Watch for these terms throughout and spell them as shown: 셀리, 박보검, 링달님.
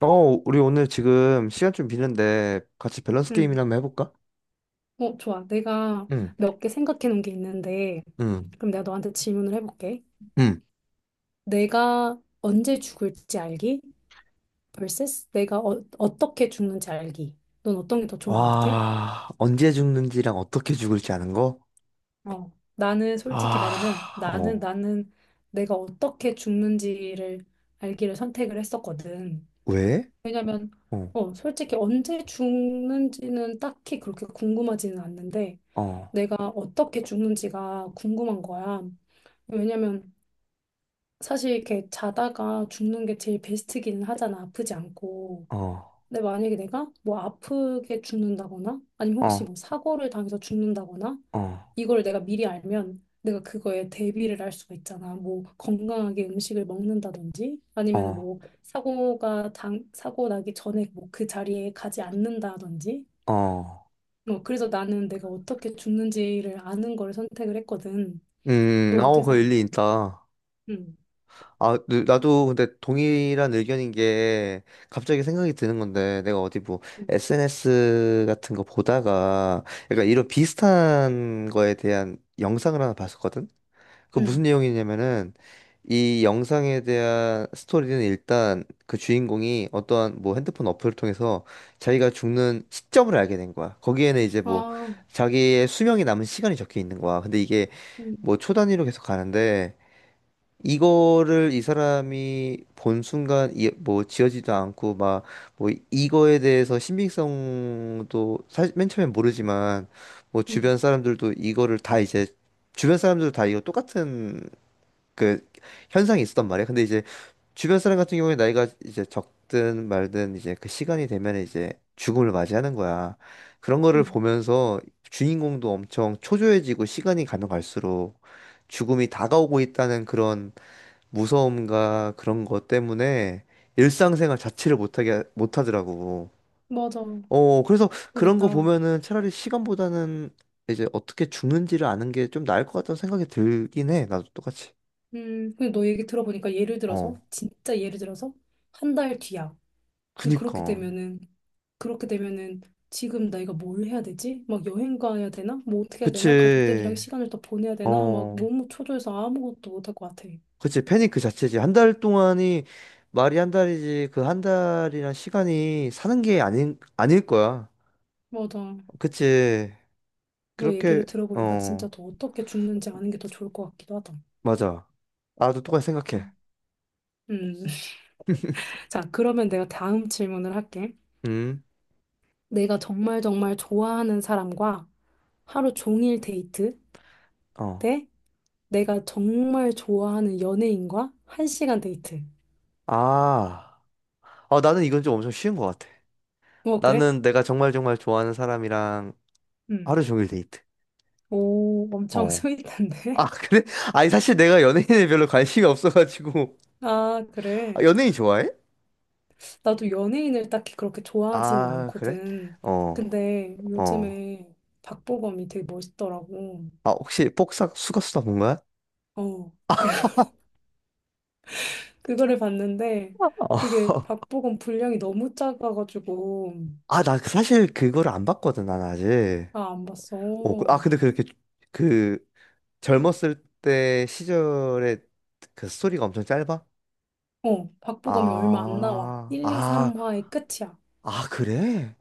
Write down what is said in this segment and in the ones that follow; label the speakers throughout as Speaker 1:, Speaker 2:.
Speaker 1: 어, 우리 오늘 지금 시간 좀 비는데 같이 밸런스
Speaker 2: 응.
Speaker 1: 게임이나 한번 해볼까?
Speaker 2: 좋아. 내가
Speaker 1: 응,
Speaker 2: 몇 개 생각해 놓은 게 있는데,
Speaker 1: 응,
Speaker 2: 그럼 내가 너한테 질문을 해볼게.
Speaker 1: 응.
Speaker 2: 내가 언제 죽을지 알기 vs 내가 어떻게 죽는지 알기. 넌 어떤 게 더 좋은 것 같아?
Speaker 1: 와, 언제 죽는지랑 어떻게 죽을지 아는 거?
Speaker 2: 어. 나는 솔직히 말하면
Speaker 1: 아,
Speaker 2: 나는
Speaker 1: 어,
Speaker 2: 나는 내가 어떻게 죽는지를 알기를 선택을 했었거든.
Speaker 1: 왜?
Speaker 2: 왜냐면
Speaker 1: 어,
Speaker 2: 솔직히 언제 죽는지는 딱히 그렇게 궁금하지는 않는데
Speaker 1: 어,
Speaker 2: 내가 어떻게 죽는지가 궁금한 거야. 왜냐면 사실 이렇게 자다가 죽는 게 제일 베스트기는 하잖아. 아프지 않고.
Speaker 1: 어,
Speaker 2: 근데 만약에 내가 뭐 아프게 죽는다거나 아니면 혹시
Speaker 1: 어,
Speaker 2: 뭐 사고를 당해서 죽는다거나
Speaker 1: 어,
Speaker 2: 이걸 내가 미리 알면 내가 그거에 대비를 할 수가 있잖아. 뭐 건강하게 음식을 먹는다든지 아니면
Speaker 1: 어,
Speaker 2: 뭐 사고가 당 사고 나기 전에 뭐 그 자리에 가지 않는다든지.
Speaker 1: 어.
Speaker 2: 뭐 그래서 나는 내가 어떻게 죽는지를 아는 걸 선택을 했거든. 넌 어떻게
Speaker 1: 그 일리
Speaker 2: 생각해?
Speaker 1: 있다.
Speaker 2: 응,
Speaker 1: 나도 근데 동일한 의견인 게 갑자기 생각이 드는 건데 내가 어디 뭐
Speaker 2: 응,
Speaker 1: SNS 같은 거 보다가 약간 이런 비슷한 거에 대한 영상을 하나 봤었거든? 그
Speaker 2: 응.
Speaker 1: 무슨 내용이냐면은 이 영상에 대한 스토리는 일단 그 주인공이 어떠한 뭐 핸드폰 어플을 통해서 자기가 죽는 시점을 알게 된 거야. 거기에는 이제 뭐
Speaker 2: 아.
Speaker 1: 자기의 수명이 남은 시간이 적혀 있는 거야. 근데 이게 뭐 초단위로 계속 가는데 이거를 이 사람이 본 순간 뭐 지어지도 않고 막 뭐 이거에 대해서 신빙성도 사실 맨 처음엔 모르지만 뭐
Speaker 2: 음,
Speaker 1: 주변 사람들도 다 이거 똑같은 그 현상이 있었단 말이야. 근데 이제 주변 사람 같은 경우에 나이가 이제 적든 말든 이제 그 시간이 되면 이제 죽음을 맞이하는 거야. 그런 거를
Speaker 2: 음,
Speaker 1: 보면서 주인공도 엄청 초조해지고 시간이 가면 갈수록 죽음이 다가오고 있다는 그런 무서움과 그런 것 때문에 일상생활 자체를 못하더라고.
Speaker 2: 맞아.
Speaker 1: 그래서 그런 거
Speaker 2: 그러겠다.
Speaker 1: 보면은 차라리 시간보다는 이제 어떻게 죽는지를 아는 게 좀 나을 것 같다는 생각이 들긴 해. 나도 똑같이.
Speaker 2: 근데 너 얘기 들어보니까 예를 들어서,
Speaker 1: 어,
Speaker 2: 진짜 예를 들어서, 한 달 뒤야. 근데 그렇게
Speaker 1: 그니까.
Speaker 2: 되면은, 그렇게 되면은, 지금 내가 뭘 해야 되지? 막 여행 가야 되나? 뭐 어떻게 해야 되나? 가족들이랑
Speaker 1: 그치.
Speaker 2: 시간을 더 보내야 되나? 막
Speaker 1: 어,
Speaker 2: 너무 초조해서 아무것도 못할 것 같아.
Speaker 1: 그치. 패닉 그 자체지. 한 달 동안이 말이 한 달이지. 그 한 달이란 시간이 사는 게 아닐 거야.
Speaker 2: 맞아.
Speaker 1: 그치.
Speaker 2: 너 얘기를
Speaker 1: 그렇게,
Speaker 2: 들어보니까 진짜
Speaker 1: 어,
Speaker 2: 더 어떻게 죽는지 아는 게 더 좋을 것 같기도 하다.
Speaker 1: 맞아. 나도 똑같이 생각해.
Speaker 2: 음, 음. 자, 그러면 내가 다음 질문을 할게.
Speaker 1: 음.
Speaker 2: 내가 정말 정말 좋아하는 사람과 하루 종일 데이트?
Speaker 1: 어.
Speaker 2: 대 내가 정말 좋아하는 연예인과 한시간 데이트.
Speaker 1: 아, 나는 이건 좀 엄청 쉬운 것 같아.
Speaker 2: 어, 그래?
Speaker 1: 나는 내가 정말 정말 좋아하는 사람이랑
Speaker 2: 응.
Speaker 1: 하루 종일 데이트.
Speaker 2: 오, 엄청
Speaker 1: 어. 아,
Speaker 2: 스윗한데?
Speaker 1: 그래? 아니, 사실 내가 연예인에 별로 관심이 없어가지고.
Speaker 2: 아,
Speaker 1: 아,
Speaker 2: 그래.
Speaker 1: 연예인 좋아해?
Speaker 2: 나도 연예인을 딱히 그렇게 좋아하진
Speaker 1: 아, 그래?
Speaker 2: 않거든.
Speaker 1: 어,
Speaker 2: 근데
Speaker 1: 어.
Speaker 2: 요즘에 박보검이 되게 멋있더라고.
Speaker 1: 아, 혹시 복사 수거수다 본 거야?
Speaker 2: 어, 그, 그거를 봤는데
Speaker 1: 어.
Speaker 2: 그게 박보검 분량이 너무 작아가지고
Speaker 1: 아, 사실 그거를 안 봤거든, 난 아직.
Speaker 2: 아, 안 봤어.
Speaker 1: 근데 그렇게 그 젊었을 때 시절에 그 스토리가 엄청 짧아?
Speaker 2: 박보검이 얼마 안 나와.
Speaker 1: 아,
Speaker 2: 1, 2,
Speaker 1: 아,
Speaker 2: 3화의 끝이야.
Speaker 1: 그래?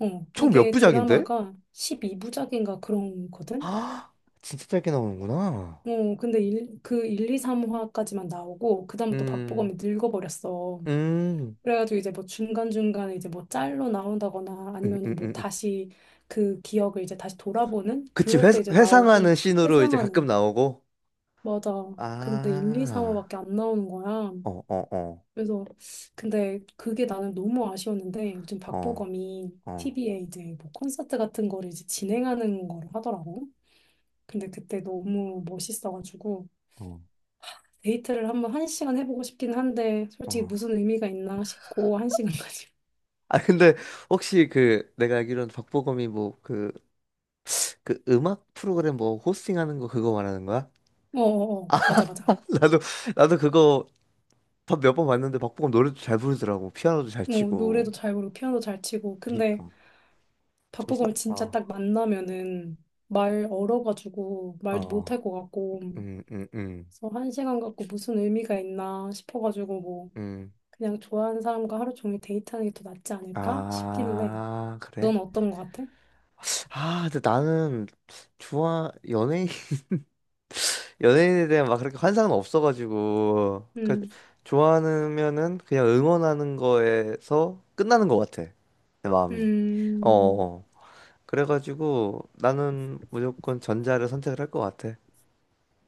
Speaker 2: 어,
Speaker 1: 총 몇
Speaker 2: 이게
Speaker 1: 부작인데?
Speaker 2: 드라마가 12부작인가 그런 거든?
Speaker 1: 아, 진짜 짧게 나오는구나.
Speaker 2: 근데 일, 그 1, 2, 3화까지만 나오고, 그다음부터
Speaker 1: 음,
Speaker 2: 박보검이 늙어버렸어.
Speaker 1: 음,
Speaker 2: 그래가지고 이제 뭐 중간중간에 이제 뭐 짤로 나온다거나
Speaker 1: 음, 음,
Speaker 2: 아니면은 뭐
Speaker 1: 음. 음.
Speaker 2: 다시 그 기억을 이제 다시 돌아보는?
Speaker 1: 그치,
Speaker 2: 그럴
Speaker 1: 회,
Speaker 2: 때 이제 나오고,
Speaker 1: 회상하는 씬으로 이제 가끔
Speaker 2: 회상하는.
Speaker 1: 나오고.
Speaker 2: 맞아. 근데 1, 2,
Speaker 1: 아,
Speaker 2: 3화밖에 안 나오는 거야.
Speaker 1: 어, 어, 어,
Speaker 2: 그래서, 근데 그게 나는 너무 아쉬웠는데, 요즘
Speaker 1: 어,
Speaker 2: 박보검이
Speaker 1: 어,
Speaker 2: TV에 이제 뭐 콘서트 같은 거를 이제 진행하는 걸 하더라고. 근데 그때 너무 멋있어가지고
Speaker 1: 어,
Speaker 2: 데이트를 한번 한 시간 해보고 싶긴 한데 솔직히
Speaker 1: 어.
Speaker 2: 무슨 의미가 있나 싶고 한 시간까지.
Speaker 1: 아, 근데 혹시 내가 알기로는 박보검이 그 음악 프로그램 뭐 호스팅하는 거 그거 말하는 거야?
Speaker 2: 어어어 맞아 맞아.
Speaker 1: 나도, 나도 그거 몇 번 봤는데 박보검 노래도 잘 부르더라고. 피아노도 잘
Speaker 2: 뭐 노래도
Speaker 1: 치고.
Speaker 2: 잘 부르고 피아노 잘 치고 근데
Speaker 1: 그니까. 좀 사,
Speaker 2: 박보검 진짜
Speaker 1: 어,
Speaker 2: 딱 만나면은 말 얼어가지고 말도
Speaker 1: 어,
Speaker 2: 못할 것 같고
Speaker 1: 음, 음, 음.
Speaker 2: 그래서 한 시간 갖고 무슨 의미가 있나 싶어가지고 뭐
Speaker 1: 음.
Speaker 2: 그냥 좋아하는 사람과 하루 종일 데이트하는 게 더 낫지 않을까 싶기는 해.
Speaker 1: 아, 그래?
Speaker 2: 넌 어떤 것 같아?
Speaker 1: 아, 근데 나는 좋아 연예인 연예인에 대한 막 그렇게 환상은 없어가지고 그
Speaker 2: 음,
Speaker 1: 좋아하면은 그냥 응원하는 거에서 끝나는 것 같아 내 마음이. 어,
Speaker 2: 음.
Speaker 1: 어. 그래가지고 나는 무조건 전자를 선택을 할 것 같아.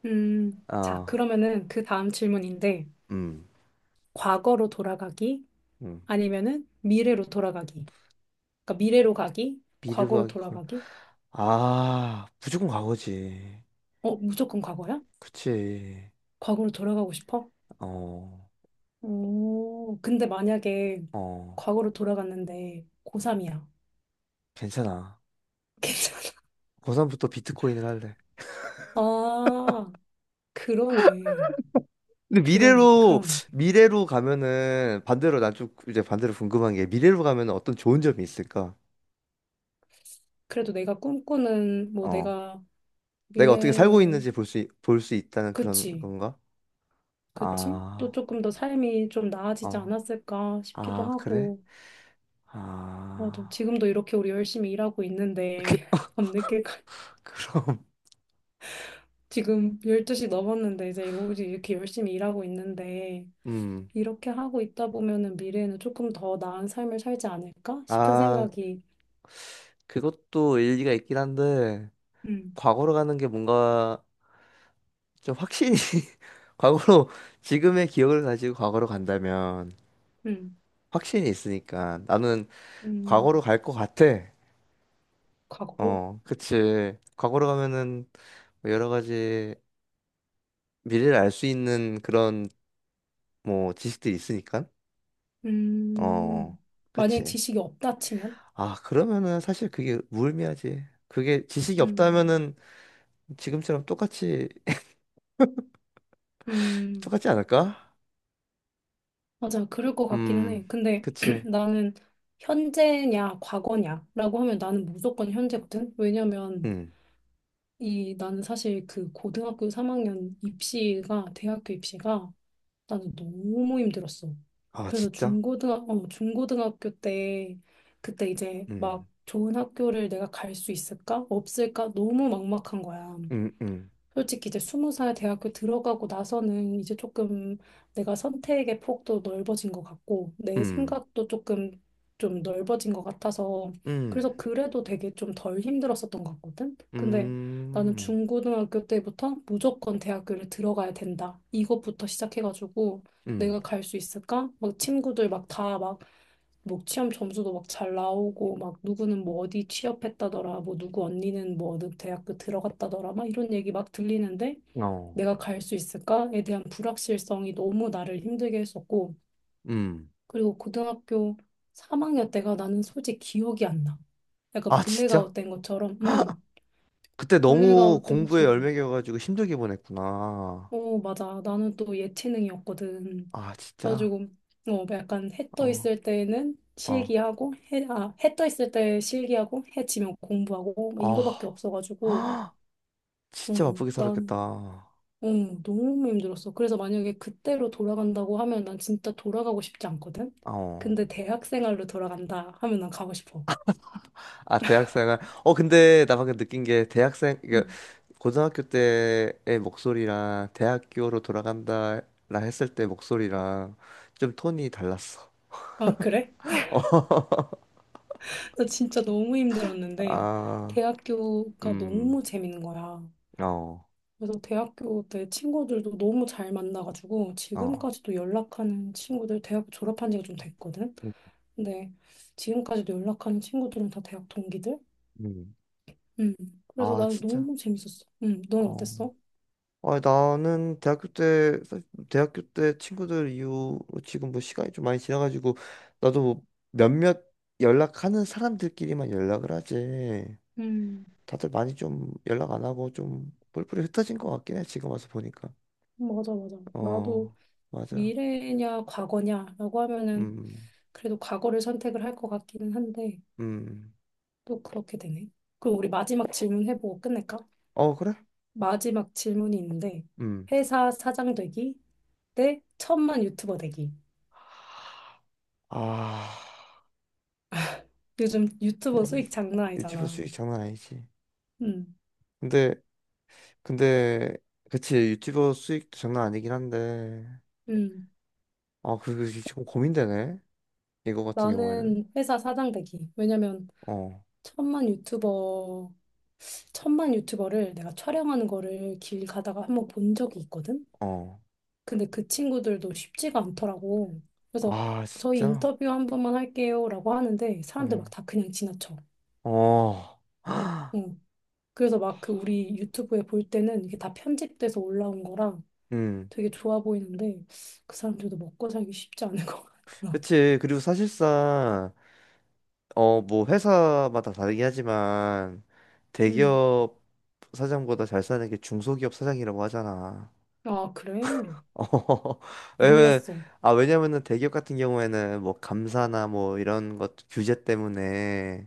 Speaker 2: 자,
Speaker 1: 아,
Speaker 2: 그러면은 그 다음 질문인데,
Speaker 1: 음,
Speaker 2: 과거로 돌아가기,
Speaker 1: 음.
Speaker 2: 아니면은 미래로 돌아가기. 그러니까 미래로 가기,
Speaker 1: 미르부하
Speaker 2: 과거로
Speaker 1: 기 걸.
Speaker 2: 돌아가기.
Speaker 1: 아, 무조건 과거지.
Speaker 2: 어, 무조건 과거야?
Speaker 1: 그치.
Speaker 2: 과거로 돌아가고 싶어?
Speaker 1: 어,
Speaker 2: 오, 근데 만약에
Speaker 1: 어,
Speaker 2: 과거로 돌아갔는데 고3이야.
Speaker 1: 괜찮아.
Speaker 2: 괜찮아.
Speaker 1: 고3부터 비트코인을 할래.
Speaker 2: 아, 그러네.
Speaker 1: 근데
Speaker 2: 그러네, 그러네.
Speaker 1: 미래로 가면은, 반대로 난 좀 이제 반대로 궁금한 게, 미래로 가면은 어떤 좋은 점이 있을까?
Speaker 2: 그래도 내가 꿈꾸는, 뭐
Speaker 1: 어.
Speaker 2: 내가
Speaker 1: 내가 어떻게 살고
Speaker 2: 미래에,
Speaker 1: 있는지 볼 수 있다는 그런
Speaker 2: 그치,
Speaker 1: 건가?
Speaker 2: 그치? 또
Speaker 1: 아,
Speaker 2: 조금 더 삶이 좀 나아지지
Speaker 1: 어.
Speaker 2: 않았을까 싶기도
Speaker 1: 아, 그래?
Speaker 2: 하고. 맞아.
Speaker 1: 아.
Speaker 2: 지금도 이렇게 우리 열심히 일하고
Speaker 1: 그,
Speaker 2: 있는데, 밤늦게까지,
Speaker 1: 그럼,
Speaker 2: 지금 12시 넘었는데, 이제 오직 이렇게 열심히 일하고 있는데,
Speaker 1: 음.
Speaker 2: 이렇게 하고 있다 보면은 미래에는 조금 더 나은 삶을 살지 않을까 싶은
Speaker 1: 아,
Speaker 2: 생각이,
Speaker 1: 그것도 일리가 있긴 한데,
Speaker 2: 음,
Speaker 1: 과거로 가는 게 뭔가 좀 과거로, 지금의 기억을 가지고 과거로 간다면,
Speaker 2: 음,
Speaker 1: 확신이 있으니까. 나는 과거로
Speaker 2: 음,
Speaker 1: 갈 것 같아.
Speaker 2: 과거로?
Speaker 1: 어, 그치. 과거로 가면은 뭐 여러 가지 미래를 알 수 있는 그런 뭐 지식들이 있으니까. 어,
Speaker 2: 음, 만약에
Speaker 1: 그치.
Speaker 2: 지식이 없다 치면?
Speaker 1: 아, 그러면은 사실 그게 무의미하지. 그게 지식이
Speaker 2: 음,
Speaker 1: 없다면은 지금처럼 똑같이,
Speaker 2: 음,
Speaker 1: 똑같지 않을까?
Speaker 2: 맞아. 그럴 것 같기는 해.
Speaker 1: 음,
Speaker 2: 근데
Speaker 1: 그치.
Speaker 2: 나는 현재냐, 과거냐라고 하면 나는 무조건 현재거든? 왜냐면,
Speaker 1: 음.
Speaker 2: 이 나는 사실 그 고등학교 3학년 입시가 대학교 입시가 나는 너무 힘들었어.
Speaker 1: 아,
Speaker 2: 그래서
Speaker 1: 진짜?
Speaker 2: 중고등학 중고등학교 때 그때 이제
Speaker 1: 음,
Speaker 2: 막 좋은 학교를 내가 갈 수 있을까? 없을까? 너무 막막한 거야.
Speaker 1: 음, 음,
Speaker 2: 솔직히 이제 스무 살 대학교 들어가고 나서는 이제 조금 내가 선택의 폭도 넓어진 것 같고 내
Speaker 1: 음,
Speaker 2: 생각도 조금 좀 넓어진 것 같아서
Speaker 1: 음,
Speaker 2: 그래서 그래도 되게 좀 덜 힘들었었던 것 같거든. 근데 나는
Speaker 1: 음,
Speaker 2: 중고등학교 때부터 무조건 대학교를 들어가야 된다. 이것부터 시작해가지고
Speaker 1: 음,
Speaker 2: 내가 갈 수 있을까? 막 친구들 막 다막 뭐 취업 점수도 막 잘 나오고 막 누구는 뭐 어디 취업했다더라 뭐 누구 언니는 뭐 어느 대학교 들어갔다더라 막 이런 얘기 막 들리는데
Speaker 1: 어,
Speaker 2: 내가 갈 수 있을까에 대한 불확실성이 너무 나를 힘들게 했었고
Speaker 1: 음.
Speaker 2: 그리고 고등학교 3학년 때가 나는 솔직히 기억이 안 나. 약간
Speaker 1: 아,
Speaker 2: 블랙아웃
Speaker 1: 진짜?
Speaker 2: 된 것처럼
Speaker 1: 그때 너무
Speaker 2: 블랙아웃 된
Speaker 1: 공부에
Speaker 2: 것처럼
Speaker 1: 열매겨가지고 힘들게 보냈구나.
Speaker 2: 어 맞아 나는 또 예체능이었거든.
Speaker 1: 아,
Speaker 2: 그래가지고
Speaker 1: 진짜?
Speaker 2: 뭐 약간 해 떠
Speaker 1: 어,
Speaker 2: 있을 때는
Speaker 1: 어.
Speaker 2: 실기하고 해, 아, 해 떠 있을 때 실기하고 해 지면 공부하고 뭐 이거밖에
Speaker 1: 아,
Speaker 2: 없어가지고
Speaker 1: 진짜 바쁘게
Speaker 2: 난
Speaker 1: 살았겠다.
Speaker 2: 너무 힘들었어. 그래서 만약에 그때로 돌아간다고 하면 난 진짜 돌아가고 싶지 않거든.
Speaker 1: 어.
Speaker 2: 근데 대학 생활로 돌아간다 하면 난 가고 싶어.
Speaker 1: 아, 대학생활. 어, 근데 나 방금 느낀 게 대학생, 이게
Speaker 2: 음.
Speaker 1: 고등학교 때의 목소리랑 대학교로 돌아간다 라 했을 때 목소리랑 좀 톤이 달랐어.
Speaker 2: 아, 그래?
Speaker 1: 어.
Speaker 2: 나 진짜 너무 힘들었는데
Speaker 1: 아,
Speaker 2: 대학교가
Speaker 1: 음,
Speaker 2: 너무 재밌는 거야.
Speaker 1: 어,
Speaker 2: 그래서 대학교 때 친구들도 너무 잘 만나가지고
Speaker 1: 어.
Speaker 2: 지금까지도 연락하는 친구들 대학 졸업한 지가 좀 됐거든.
Speaker 1: 음,
Speaker 2: 근데 지금까지도 연락하는 친구들은 다 대학 동기들.
Speaker 1: 음.
Speaker 2: 음. 그래서
Speaker 1: 아,
Speaker 2: 나는
Speaker 1: 진짜?
Speaker 2: 너무 재밌었어. 음. 넌
Speaker 1: 어.
Speaker 2: 어땠어?
Speaker 1: 아, 나는 대학교 때, 사실 대학교 때 친구들 이후 지금 뭐 시간이 좀 많이 지나가지고, 나도 뭐 몇몇 연락하는 사람들끼리만 연락을 하지.
Speaker 2: 음,
Speaker 1: 다들 많이 좀 연락 안 하고 좀 뿔뿔이 흩어진 것 같긴 해, 지금 와서 보니까.
Speaker 2: 맞아, 맞아. 나도
Speaker 1: 어, 맞아.
Speaker 2: 미래냐 과거냐라고 하면은
Speaker 1: 음,
Speaker 2: 그래도 과거를 선택을 할 것 같기는 한데
Speaker 1: 음.
Speaker 2: 또 그렇게 되네. 그럼 우리 마지막 질문 해보고 끝낼까?
Speaker 1: 어, 그래?
Speaker 2: 마지막 질문이 있는데
Speaker 1: 음.
Speaker 2: 회사 사장 되기 대 천만 유튜버 되기.
Speaker 1: 아,
Speaker 2: 요즘 유튜버
Speaker 1: 그래서
Speaker 2: 수익 장난
Speaker 1: 유튜버
Speaker 2: 아니잖아.
Speaker 1: 수익 장난 아니지.
Speaker 2: 음,
Speaker 1: 근데, 근데, 그치, 유튜버 수익 장난 아니긴 한데,
Speaker 2: 음.
Speaker 1: 지금 고민되네. 이거 같은 경우에는
Speaker 2: 나는 회사 사장 되기. 왜냐면
Speaker 1: 어,
Speaker 2: 천만 유튜버, 천만 유튜버를 내가 촬영하는 거를 길 가다가 한번 본 적이 있거든?
Speaker 1: 어.
Speaker 2: 근데 그 친구들도 쉽지가 않더라고. 그래서
Speaker 1: 아,
Speaker 2: 저희
Speaker 1: 진짜?
Speaker 2: 인터뷰 한 번만 할게요라고 하는데 사람들 막
Speaker 1: 어.
Speaker 2: 다 그냥 지나쳐.
Speaker 1: 어.
Speaker 2: 응. 그래서 막 그 우리 유튜브에 볼 때는 이게 다 편집돼서 올라온 거라
Speaker 1: 음.
Speaker 2: 되게 좋아 보이는데 그 사람들도 먹고 살기 쉽지 않을 것 같아.
Speaker 1: 그치. 그리고 사실상 뭐 회사마다 다르긴 하지만
Speaker 2: 음.
Speaker 1: 대기업 사장보다 잘 사는 게 중소기업 사장이라고 하잖아.
Speaker 2: 아, 그래?
Speaker 1: 어. 왜냐면
Speaker 2: 몰랐어.
Speaker 1: 아, 왜냐면은 대기업 같은 경우에는 뭐 감사나 뭐 이런 것 규제 때문에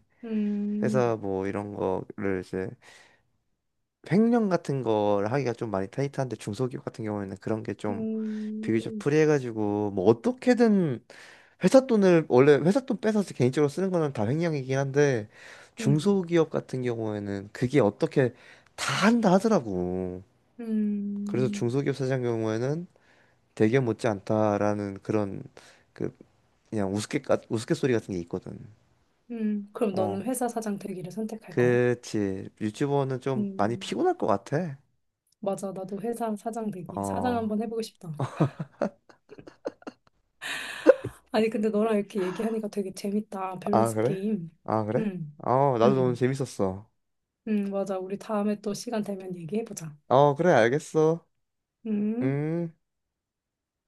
Speaker 1: 회사
Speaker 2: 음.
Speaker 1: 뭐 이런 거를 이제 횡령 같은 걸 하기가 좀 많이 타이트한데 중소기업 같은 경우에는 그런 게 좀 비교적
Speaker 2: 음.
Speaker 1: 프리해가지고 뭐 어떻게든 회사 돈을 원래 회사 돈 뺏어서 개인적으로 쓰는 거는 다 횡령이긴 한데
Speaker 2: 음.
Speaker 1: 중소기업 같은 경우에는 그게 어떻게 다 한다 하더라고. 그래서
Speaker 2: 음.
Speaker 1: 중소기업 사장 경우에는 되게 못지않다라는 그런 그 그냥 우스갯가 우스갯소리 같은 게 있거든.
Speaker 2: 음. 그럼 너는
Speaker 1: 어,
Speaker 2: 회사 사장 되기를 선택할 거야?
Speaker 1: 그치. 유튜버는 좀 많이
Speaker 2: 음.
Speaker 1: 피곤할 것 같아.
Speaker 2: 맞아. 나도 회사 사장 되기. 사장
Speaker 1: 어.
Speaker 2: 한번 해보고 싶다. 아니, 근데 너랑 이렇게 얘기하니까 되게 재밌다.
Speaker 1: 아,
Speaker 2: 밸런스
Speaker 1: 그래?
Speaker 2: 게임.
Speaker 1: 아, 그래?
Speaker 2: 음.
Speaker 1: 어, 나도 오늘
Speaker 2: 음.
Speaker 1: 재밌었어.
Speaker 2: 음. 맞아. 우리 다음에 또 시간 되면 얘기해보자.
Speaker 1: 어, 그래, 알겠어.
Speaker 2: 음.
Speaker 1: 음.